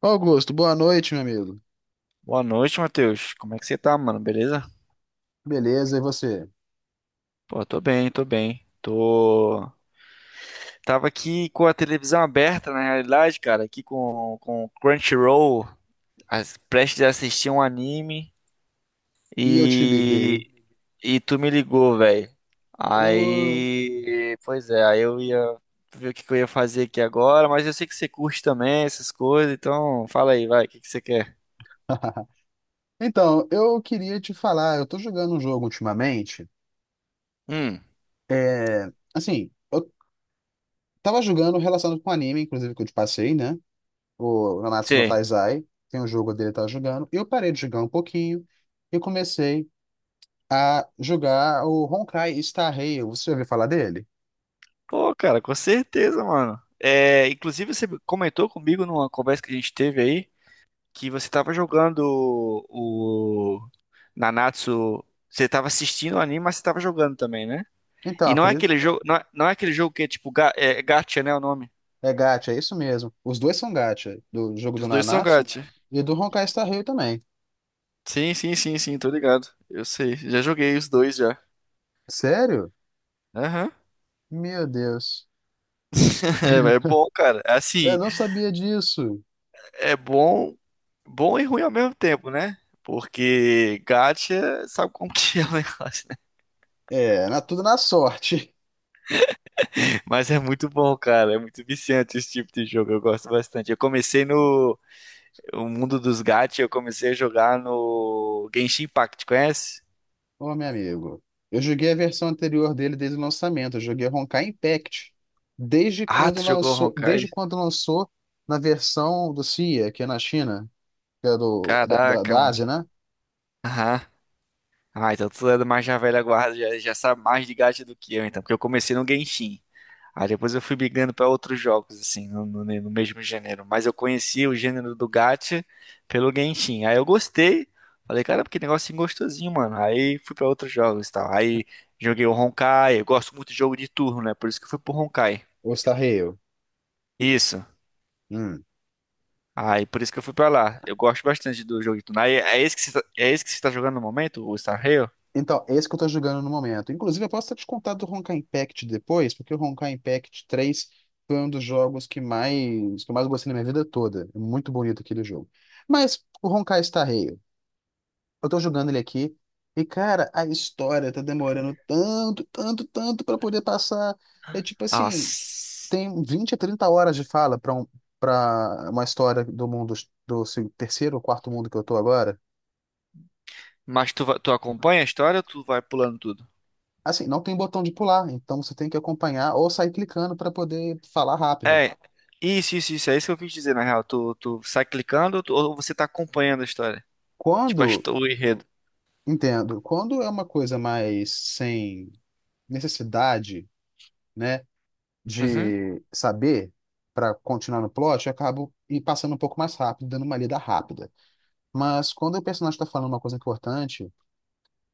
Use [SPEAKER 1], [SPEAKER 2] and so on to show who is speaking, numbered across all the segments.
[SPEAKER 1] Augusto, boa noite, meu amigo.
[SPEAKER 2] Boa noite, Matheus. Como é que você tá, mano? Beleza?
[SPEAKER 1] Beleza, e você?
[SPEAKER 2] Pô, tô bem, tô bem. Tô. Tava aqui com a televisão aberta, na realidade, cara, aqui com o Crunchyroll, prestes a assistir um anime
[SPEAKER 1] E eu te liguei.
[SPEAKER 2] e. E tu me ligou, velho.
[SPEAKER 1] Ô.
[SPEAKER 2] Aí. Pois é, aí eu ia ver o que que eu ia fazer aqui agora, mas eu sei que você curte também essas coisas, então fala aí, vai, o que que você quer?
[SPEAKER 1] Então, eu queria te falar, eu tô jogando um jogo ultimamente.
[SPEAKER 2] Hum,
[SPEAKER 1] É, assim, eu tava jogando relacionado com anime, inclusive que eu te passei, né? O Nanatsu no
[SPEAKER 2] sim.
[SPEAKER 1] Taizai, tem um jogo dele que eu tava jogando. Eu parei de jogar um pouquinho e comecei a jogar o Honkai Star Rail. Você já ouviu falar dele?
[SPEAKER 2] Pô, cara, com certeza, mano. É, inclusive, você comentou comigo numa conversa que a gente teve aí que você tava jogando o Nanatsu. Você tava assistindo o anime, mas você tava jogando também, né?
[SPEAKER 1] Então,
[SPEAKER 2] E
[SPEAKER 1] é
[SPEAKER 2] não
[SPEAKER 1] por
[SPEAKER 2] é
[SPEAKER 1] isso.
[SPEAKER 2] aquele jogo, não é aquele jogo que é tipo gacha, né, o nome?
[SPEAKER 1] É gacha, é isso mesmo. Os dois são gacha, do jogo
[SPEAKER 2] Os
[SPEAKER 1] do
[SPEAKER 2] dois são
[SPEAKER 1] Nanatsu
[SPEAKER 2] gacha.
[SPEAKER 1] e do Honkai Star Rail também.
[SPEAKER 2] Sim, sim, sim, sim, tô ligado. Eu sei, já joguei os dois já.
[SPEAKER 1] Sério?
[SPEAKER 2] Aham.
[SPEAKER 1] Meu Deus.
[SPEAKER 2] É, mas é bom, cara.
[SPEAKER 1] Eu
[SPEAKER 2] Assim,
[SPEAKER 1] não sabia disso.
[SPEAKER 2] é bom, bom e ruim ao mesmo tempo, né? Porque gacha, sabe como que é o negócio?
[SPEAKER 1] É, tudo na sorte.
[SPEAKER 2] Mas é muito bom, cara. É muito viciante esse tipo de jogo. Eu gosto bastante. Eu comecei no o mundo dos gacha, eu comecei a jogar no Genshin Impact, conhece?
[SPEAKER 1] Ô, meu amigo. Eu joguei a versão anterior dele desde o lançamento. Eu joguei Honkai Impact. Desde
[SPEAKER 2] Ah,
[SPEAKER 1] quando
[SPEAKER 2] tu jogou
[SPEAKER 1] lançou,
[SPEAKER 2] Honkai?
[SPEAKER 1] desde quando lançou na versão do CIA, que é na China, que é do, da, da,
[SPEAKER 2] Caraca,
[SPEAKER 1] da
[SPEAKER 2] mano.
[SPEAKER 1] Ásia, né?
[SPEAKER 2] Aham. Ah, então tu é mais já velha guarda, já sabe mais de gacha do que eu, então. Porque eu comecei no Genshin. Aí depois eu fui migrando para outros jogos, assim, no mesmo gênero. Mas eu conhecia o gênero do gacha pelo Genshin. Aí eu gostei. Falei, cara, que negocinho gostosinho, mano. Aí fui para outros jogos e tal. Aí joguei o Honkai. Eu gosto muito de jogo de turno, né? Por isso que eu fui pro Honkai.
[SPEAKER 1] O Star Rail.
[SPEAKER 2] Isso.
[SPEAKER 1] Hum.
[SPEAKER 2] Aí por isso que eu fui pra lá. Eu gosto bastante do jogo de turno. Aí é esse que você tá, é esse que você tá jogando no momento, o Star Rail?
[SPEAKER 1] Então, é esse que eu tô jogando no momento. Inclusive, eu posso até te contar do Honkai Impact depois, porque o Honkai Impact 3 foi um dos jogos que eu mais gostei na minha vida toda. É muito bonito aquele jogo. Mas o Honkai Star Rail, eu tô jogando ele aqui, e cara, a história tá demorando tanto, tanto, tanto pra poder passar. É tipo
[SPEAKER 2] Ah,
[SPEAKER 1] assim,
[SPEAKER 2] s-
[SPEAKER 1] tem 20 a 30 horas de fala para uma história do mundo do terceiro ou quarto mundo que eu tô agora.
[SPEAKER 2] mas tu acompanha a história ou tu vai pulando tudo?
[SPEAKER 1] Assim, não tem botão de pular, então você tem que acompanhar ou sair clicando para poder falar rápido.
[SPEAKER 2] É, isso, isso, isso. É isso que eu quis dizer, na real. Tu sai clicando ou ou você tá acompanhando a história? Tipo,
[SPEAKER 1] Quando,
[SPEAKER 2] o enredo.
[SPEAKER 1] entendo, quando é uma coisa mais sem necessidade, né,
[SPEAKER 2] Uhum.
[SPEAKER 1] de saber para continuar no plot, eu acabo e passando um pouco mais rápido, dando uma lida rápida. Mas quando o personagem está falando uma coisa importante,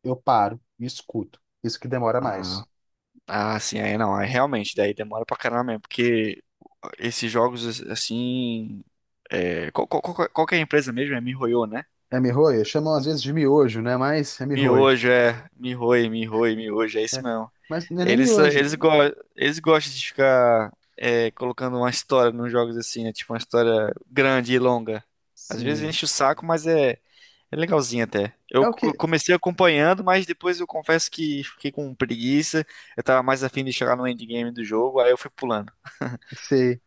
[SPEAKER 1] eu paro e escuto. Isso que demora
[SPEAKER 2] Ah,
[SPEAKER 1] mais.
[SPEAKER 2] ah, sim, aí não. Aí realmente, daí demora pra caramba mesmo. Porque esses jogos, assim. É, qual que é a empresa mesmo? É miHoYo, né?
[SPEAKER 1] É mihoyo? Chamam às vezes de miojo, né? Mas é mihoyo.
[SPEAKER 2] Miojo, é. miHoYo, miHoYo, miojo. É isso
[SPEAKER 1] né?
[SPEAKER 2] mesmo.
[SPEAKER 1] Mas não é nem
[SPEAKER 2] Eles, só-
[SPEAKER 1] miojo.
[SPEAKER 2] eles, go eles gostam de ficar colocando uma história nos jogos assim, né? Tipo uma história grande e longa. Às vezes
[SPEAKER 1] Sim.
[SPEAKER 2] enche o saco, mas é legalzinho até.
[SPEAKER 1] É o que.
[SPEAKER 2] Comecei acompanhando, mas depois eu confesso que fiquei com preguiça. Eu tava mais afim de chegar no endgame do jogo, aí eu fui pulando.
[SPEAKER 1] Sei.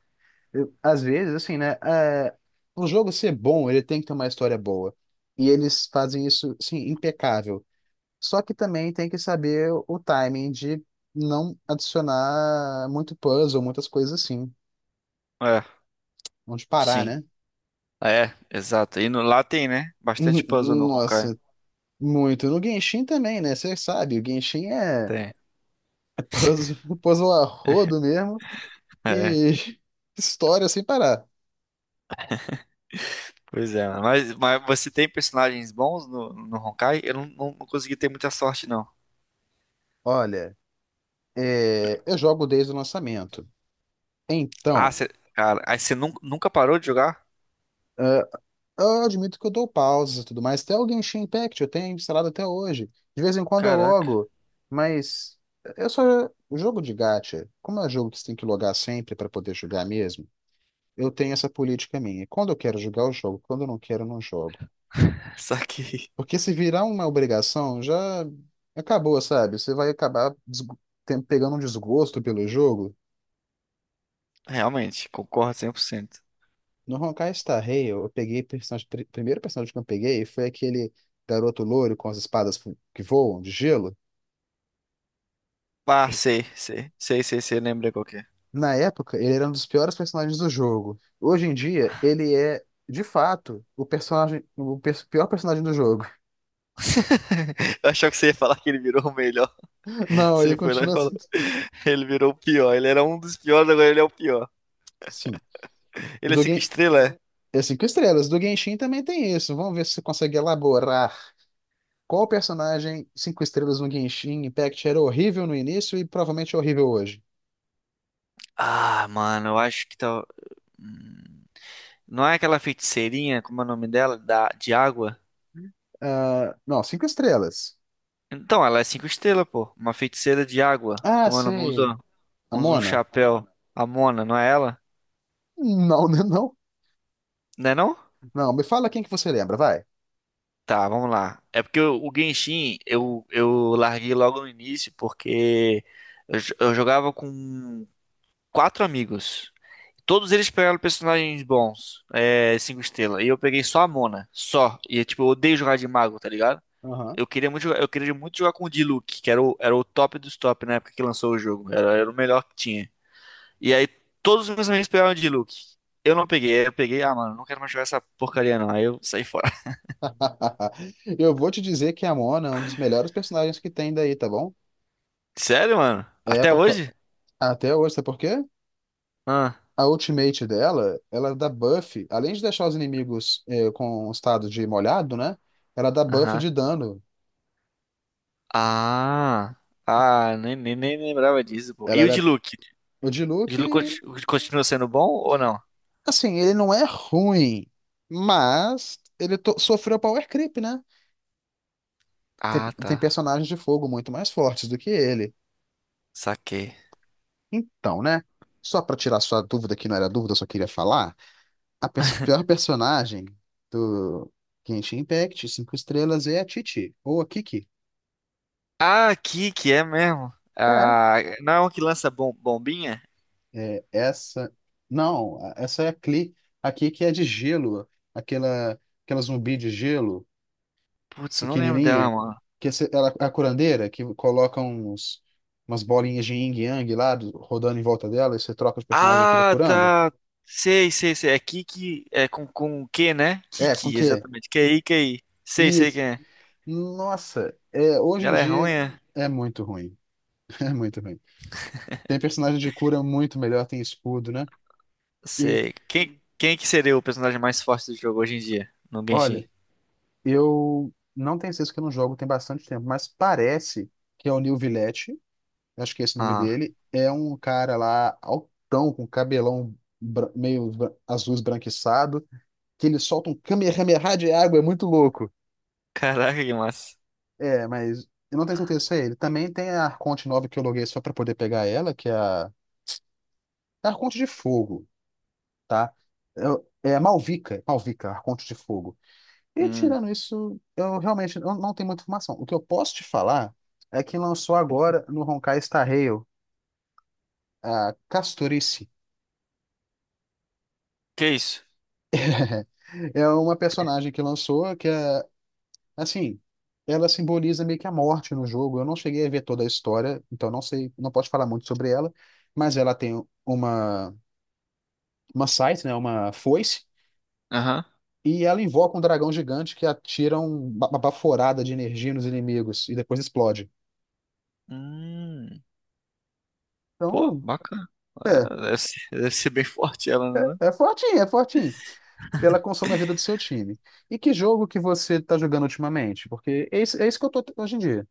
[SPEAKER 1] Às vezes, assim, né? É, o jogo ser bom, ele tem que ter uma história boa. E eles fazem isso, assim, impecável. Só que também tem que saber o timing de não adicionar muito puzzle, muitas coisas assim.
[SPEAKER 2] É,
[SPEAKER 1] Onde parar,
[SPEAKER 2] sim.
[SPEAKER 1] né?
[SPEAKER 2] Ah, é, exato. E no, Lá tem, né?
[SPEAKER 1] Hum,
[SPEAKER 2] Bastante puzzle no Honkai.
[SPEAKER 1] nossa, muito. No Genshin também, né? Você sabe, o Genshin é
[SPEAKER 2] Tem.
[SPEAKER 1] é puzzle, puzzle a rodo mesmo
[SPEAKER 2] É, é.
[SPEAKER 1] e história sem parar.
[SPEAKER 2] Pois é. Mas você tem personagens bons no Honkai? Eu não consegui ter muita sorte, não.
[SPEAKER 1] Olha, eu jogo desde o lançamento.
[SPEAKER 2] Ah,
[SPEAKER 1] Então.
[SPEAKER 2] cê, cara, aí você nunca parou de jogar?
[SPEAKER 1] Eu admito que eu dou pausas e tudo mais. Até o Genshin Impact eu tenho instalado até hoje. De vez em quando eu
[SPEAKER 2] Caraca,
[SPEAKER 1] logo, mas eu só o jogo de gacha, como é jogo que você tem que logar sempre para poder jogar mesmo, eu tenho essa política minha. Quando eu quero jogar, eu jogo. Quando eu não quero, eu não jogo.
[SPEAKER 2] só que
[SPEAKER 1] Porque se virar uma obrigação, já acabou, sabe? Você vai acabar pegando um desgosto pelo jogo.
[SPEAKER 2] realmente, concordo 100%.
[SPEAKER 1] No Honkai Star Rail, eu peguei personagem, primeiro personagem que eu peguei foi aquele garoto loiro com as espadas que voam de gelo.
[SPEAKER 2] Ah,
[SPEAKER 1] seja,
[SPEAKER 2] sei, sei, sei, sei, sei, lembrei qual que é.
[SPEAKER 1] Na época, ele era um dos piores personagens do jogo. Hoje em dia, ele é, de fato, o pior personagem do jogo.
[SPEAKER 2] Eu achava que você ia falar que ele virou o melhor.
[SPEAKER 1] Não, ele
[SPEAKER 2] Você foi lá e
[SPEAKER 1] continua assim.
[SPEAKER 2] falou. Ele virou o pior. Ele era um dos piores, agora ele é o pior.
[SPEAKER 1] Sim. O
[SPEAKER 2] Ele é
[SPEAKER 1] do
[SPEAKER 2] cinco
[SPEAKER 1] Gen...
[SPEAKER 2] estrelas? É?
[SPEAKER 1] É cinco estrelas. Do Genshin também tem isso. Vamos ver se você consegue elaborar qual personagem cinco estrelas no Genshin Impact era horrível no início e provavelmente é horrível hoje.
[SPEAKER 2] Ah, mano, eu acho que tá. Hum, não é aquela feiticeirinha, como é o nome dela? De água?
[SPEAKER 1] Ah, não, cinco estrelas.
[SPEAKER 2] Então, ela é cinco estrelas, pô. Uma feiticeira de água.
[SPEAKER 1] Ah,
[SPEAKER 2] Como é o nome?
[SPEAKER 1] sei.
[SPEAKER 2] Usa.
[SPEAKER 1] A
[SPEAKER 2] Usa um
[SPEAKER 1] Mona?
[SPEAKER 2] chapéu. A Mona, não é ela?
[SPEAKER 1] Não, né, não.
[SPEAKER 2] Não é não?
[SPEAKER 1] Não, me fala quem que você lembra, vai.
[SPEAKER 2] Tá, vamos lá. É porque o Genshin eu, larguei logo no início porque eu jogava com quatro amigos. Todos eles pegaram personagens bons, cinco estrelas. E eu peguei só a Mona, só. E tipo, eu odeio jogar de mago, tá ligado?
[SPEAKER 1] Aham.
[SPEAKER 2] Eu queria muito jogar com o Diluc, que era o top dos top na época que lançou o jogo. Era o melhor que tinha. E aí todos os meus amigos pegaram de Luke. Eu não peguei, aí eu peguei, ah, mano, não quero mais jogar essa porcaria não. Aí eu saí fora.
[SPEAKER 1] Eu vou te dizer que a Mona é um dos melhores personagens que tem daí, tá bom?
[SPEAKER 2] Sério, mano?
[SPEAKER 1] É
[SPEAKER 2] Até
[SPEAKER 1] por... co-
[SPEAKER 2] hoje?
[SPEAKER 1] Até hoje, sabe por quê?
[SPEAKER 2] Ah,
[SPEAKER 1] A ultimate dela, ela dá buff, além de deixar os inimigos com o estado de molhado, né? Ela dá buff
[SPEAKER 2] aham.
[SPEAKER 1] de dano.
[SPEAKER 2] Ah, ah, nem lembrava disso, pô.
[SPEAKER 1] Ela
[SPEAKER 2] E o de
[SPEAKER 1] era...
[SPEAKER 2] Luke?
[SPEAKER 1] O
[SPEAKER 2] O
[SPEAKER 1] Diluc,
[SPEAKER 2] de Luke continua sendo bom ou não?
[SPEAKER 1] assim, ele não é ruim, mas ele sofreu power creep, né? Tem...
[SPEAKER 2] Ah,
[SPEAKER 1] tem
[SPEAKER 2] tá.
[SPEAKER 1] personagens de fogo muito mais fortes do que ele.
[SPEAKER 2] Saquei.
[SPEAKER 1] Então, né? Só pra tirar sua dúvida, que não era dúvida, eu só queria falar. A pior personagem do Genshin Impact, cinco estrelas, é a Titi, ou a Kiki.
[SPEAKER 2] Ah, aqui que é mesmo. Ah, não é uma que lança bombinha?
[SPEAKER 1] É, é essa. Não, essa é a Klee. A Kiki é de gelo, aquela zumbi de gelo,
[SPEAKER 2] Putz, eu não lembro dela,
[SPEAKER 1] pequenininha,
[SPEAKER 2] mano.
[SPEAKER 1] ela, a curandeira, que coloca umas bolinhas de yin yang lá, rodando em volta dela, e você troca os personagens e fica
[SPEAKER 2] Ah,
[SPEAKER 1] curando.
[SPEAKER 2] tá. Sei, sei, sei. É Kiki, é com o quê, né?
[SPEAKER 1] É, com
[SPEAKER 2] Kiki,
[SPEAKER 1] que?
[SPEAKER 2] exatamente. QI, QI. Sei, sei
[SPEAKER 1] Isso.
[SPEAKER 2] quem é.
[SPEAKER 1] Nossa, hoje em
[SPEAKER 2] Ela é ruim,
[SPEAKER 1] dia
[SPEAKER 2] é?
[SPEAKER 1] é muito ruim. É muito ruim. Tem personagem de cura muito melhor, tem escudo, né? E,
[SPEAKER 2] Sei. Quem que seria o personagem mais forte do jogo hoje em dia? No
[SPEAKER 1] olha,
[SPEAKER 2] Genshin.
[SPEAKER 1] eu não tenho certeza que eu não jogo tem bastante tempo, mas parece que é o Neil Villette, acho que é esse o nome
[SPEAKER 2] Ah,
[SPEAKER 1] dele, é um cara lá altão, com cabelão azul esbranquiçado, que ele solta um kamehameha de água, é muito louco.
[SPEAKER 2] caraca, que massa.
[SPEAKER 1] É, mas eu não tenho certeza se é ele. Também tem a Arconte nova que eu loguei só pra poder pegar ela, que é a Arconte de Fogo, tá? É a Malvika, Malvika, Arconte de Fogo. E
[SPEAKER 2] Hum,
[SPEAKER 1] tirando isso, eu realmente eu não tenho muita informação. O que eu posso te falar é que lançou agora no Honkai Star Rail a Casturice.
[SPEAKER 2] que isso?
[SPEAKER 1] É uma personagem que lançou que é, assim, ela simboliza meio que a morte no jogo. Eu não cheguei a ver toda a história, então não sei, não posso falar muito sobre ela, mas ela tem uma scythe, né, uma foice,
[SPEAKER 2] Aham.
[SPEAKER 1] e ela invoca um dragão gigante que atira uma baforada de energia nos inimigos e depois explode.
[SPEAKER 2] Hum, Pô,
[SPEAKER 1] Então,
[SPEAKER 2] bacana.
[SPEAKER 1] é.
[SPEAKER 2] É, deve ser bem forte ela, né?
[SPEAKER 1] É fortinho, é fortinho. Ela consome a vida do seu time. E que jogo que você está jogando ultimamente? Porque é isso que eu tô hoje em dia.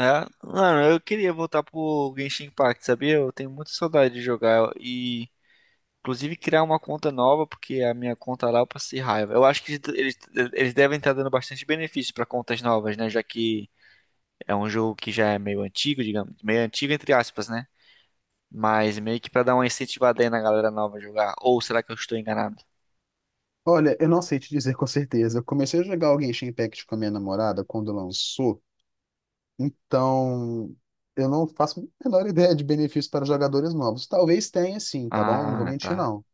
[SPEAKER 2] É, mano, eu queria voltar pro Genshin Impact, sabia? Eu tenho muita saudade de jogar e inclusive criar uma conta nova, porque a minha conta lá eu passei raiva. Eu acho que eles devem estar dando bastante benefício para contas novas, né? Já que é um jogo que já é meio antigo, digamos, meio antigo entre aspas, né? Mas meio que para dar uma incentivada aí na galera nova a jogar. Ou será que eu estou enganado?
[SPEAKER 1] Olha, eu não sei te dizer com certeza. Eu comecei a jogar o Genshin Impact com a minha namorada quando lançou. Então, eu não faço a menor ideia de benefícios para jogadores novos. Talvez tenha sim, tá bom? Não vou
[SPEAKER 2] Ah,
[SPEAKER 1] mentir,
[SPEAKER 2] tá.
[SPEAKER 1] não.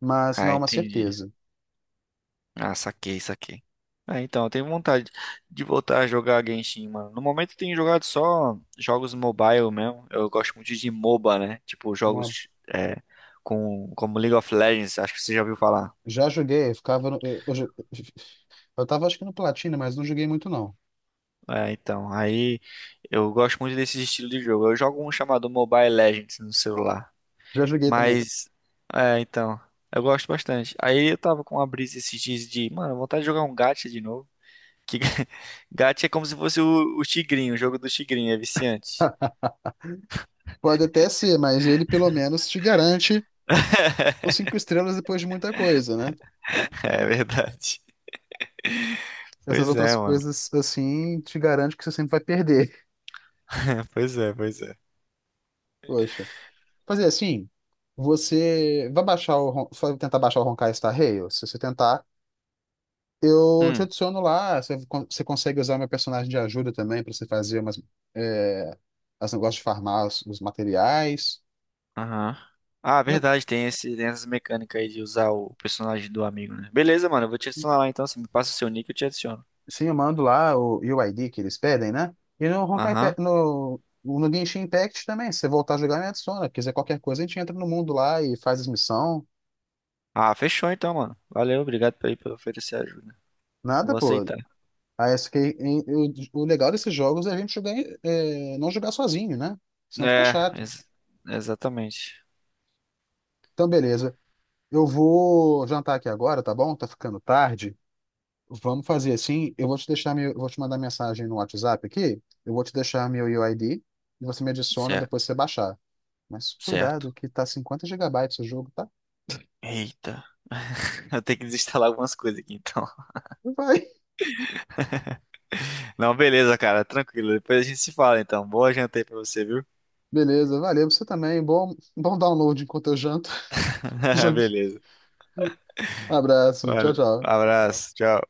[SPEAKER 1] Mas
[SPEAKER 2] Ah,
[SPEAKER 1] não é uma
[SPEAKER 2] entendi.
[SPEAKER 1] certeza.
[SPEAKER 2] Ah, saquei, saquei. Ah, então, eu tenho vontade de voltar a jogar Genshin, mano. No momento eu tenho jogado só jogos mobile mesmo. Eu gosto muito de MOBA, né? Tipo,
[SPEAKER 1] Uma-
[SPEAKER 2] jogos é, como League of Legends, acho que você já ouviu falar.
[SPEAKER 1] Já joguei, eu ficava. Eu tava acho que no Platina, mas não joguei muito, não.
[SPEAKER 2] É, então, aí eu gosto muito desse estilo de jogo. Eu jogo um chamado Mobile Legends no celular.
[SPEAKER 1] Já joguei também.
[SPEAKER 2] Mas, então, eu gosto bastante. Aí eu tava com uma brisa esses dias de, mano, vontade de jogar um gacha de novo. Que Gacha é como se fosse o Tigrinho, o jogo do Tigrinho, é viciante.
[SPEAKER 1] Pode até ser, mas ele pelo menos te garante os cinco estrelas depois de muita coisa, né?
[SPEAKER 2] É verdade.
[SPEAKER 1] Essas
[SPEAKER 2] Pois
[SPEAKER 1] outras
[SPEAKER 2] é, mano.
[SPEAKER 1] coisas, assim, te garante que você sempre vai perder.
[SPEAKER 2] Pois é, pois é.
[SPEAKER 1] Poxa. Fazer assim, você vai baixar. Só tentar baixar o Honkai Star Rail? Se você tentar, eu te
[SPEAKER 2] Hum,
[SPEAKER 1] adiciono lá. Você consegue usar meu personagem de ajuda também pra você fazer umas... É, as negócios de farmar os materiais.
[SPEAKER 2] aham. Ah, verdade, tem essas mecânicas aí de usar o personagem do amigo, né? Beleza, mano, eu vou te adicionar lá então. Você me passa o seu nick, eu te adiciono.
[SPEAKER 1] Sim, eu mando lá o UID que eles pedem, né? E no Honkai, Pe-
[SPEAKER 2] Aham.
[SPEAKER 1] no, no Genshin Impact também, se você voltar a jogar, me adiciona. Quiser qualquer coisa, a gente entra no mundo lá e faz as missões.
[SPEAKER 2] Ah, fechou então, mano. Valeu, obrigado por oferecer ajuda.
[SPEAKER 1] Nada,
[SPEAKER 2] Vou
[SPEAKER 1] pô.
[SPEAKER 2] aceitar.
[SPEAKER 1] Aí, o legal desses jogos é a gente jogar, não jogar sozinho, né? Senão fica
[SPEAKER 2] É,
[SPEAKER 1] chato.
[SPEAKER 2] ex- exatamente.
[SPEAKER 1] Então, beleza. Eu vou jantar aqui agora, tá bom? Tá ficando tarde. Vamos fazer assim. Eu vou te mandar mensagem no WhatsApp aqui. Eu vou te deixar meu UID e você me adiciona
[SPEAKER 2] Certo,
[SPEAKER 1] depois que você baixar. Mas cuidado,
[SPEAKER 2] certo.
[SPEAKER 1] que tá 50 gigabytes o jogo, tá?
[SPEAKER 2] Eita. Eu tenho que desinstalar algumas coisas aqui então.
[SPEAKER 1] Vai.
[SPEAKER 2] Não, beleza, cara. Tranquilo. Depois a gente se fala, então. Boa janta aí pra você, viu?
[SPEAKER 1] Beleza, valeu você também. Bom download enquanto eu janto. Jogue.
[SPEAKER 2] Beleza.
[SPEAKER 1] Abraço, tchau,
[SPEAKER 2] Valeu.
[SPEAKER 1] tchau.
[SPEAKER 2] Abraço. Tchau.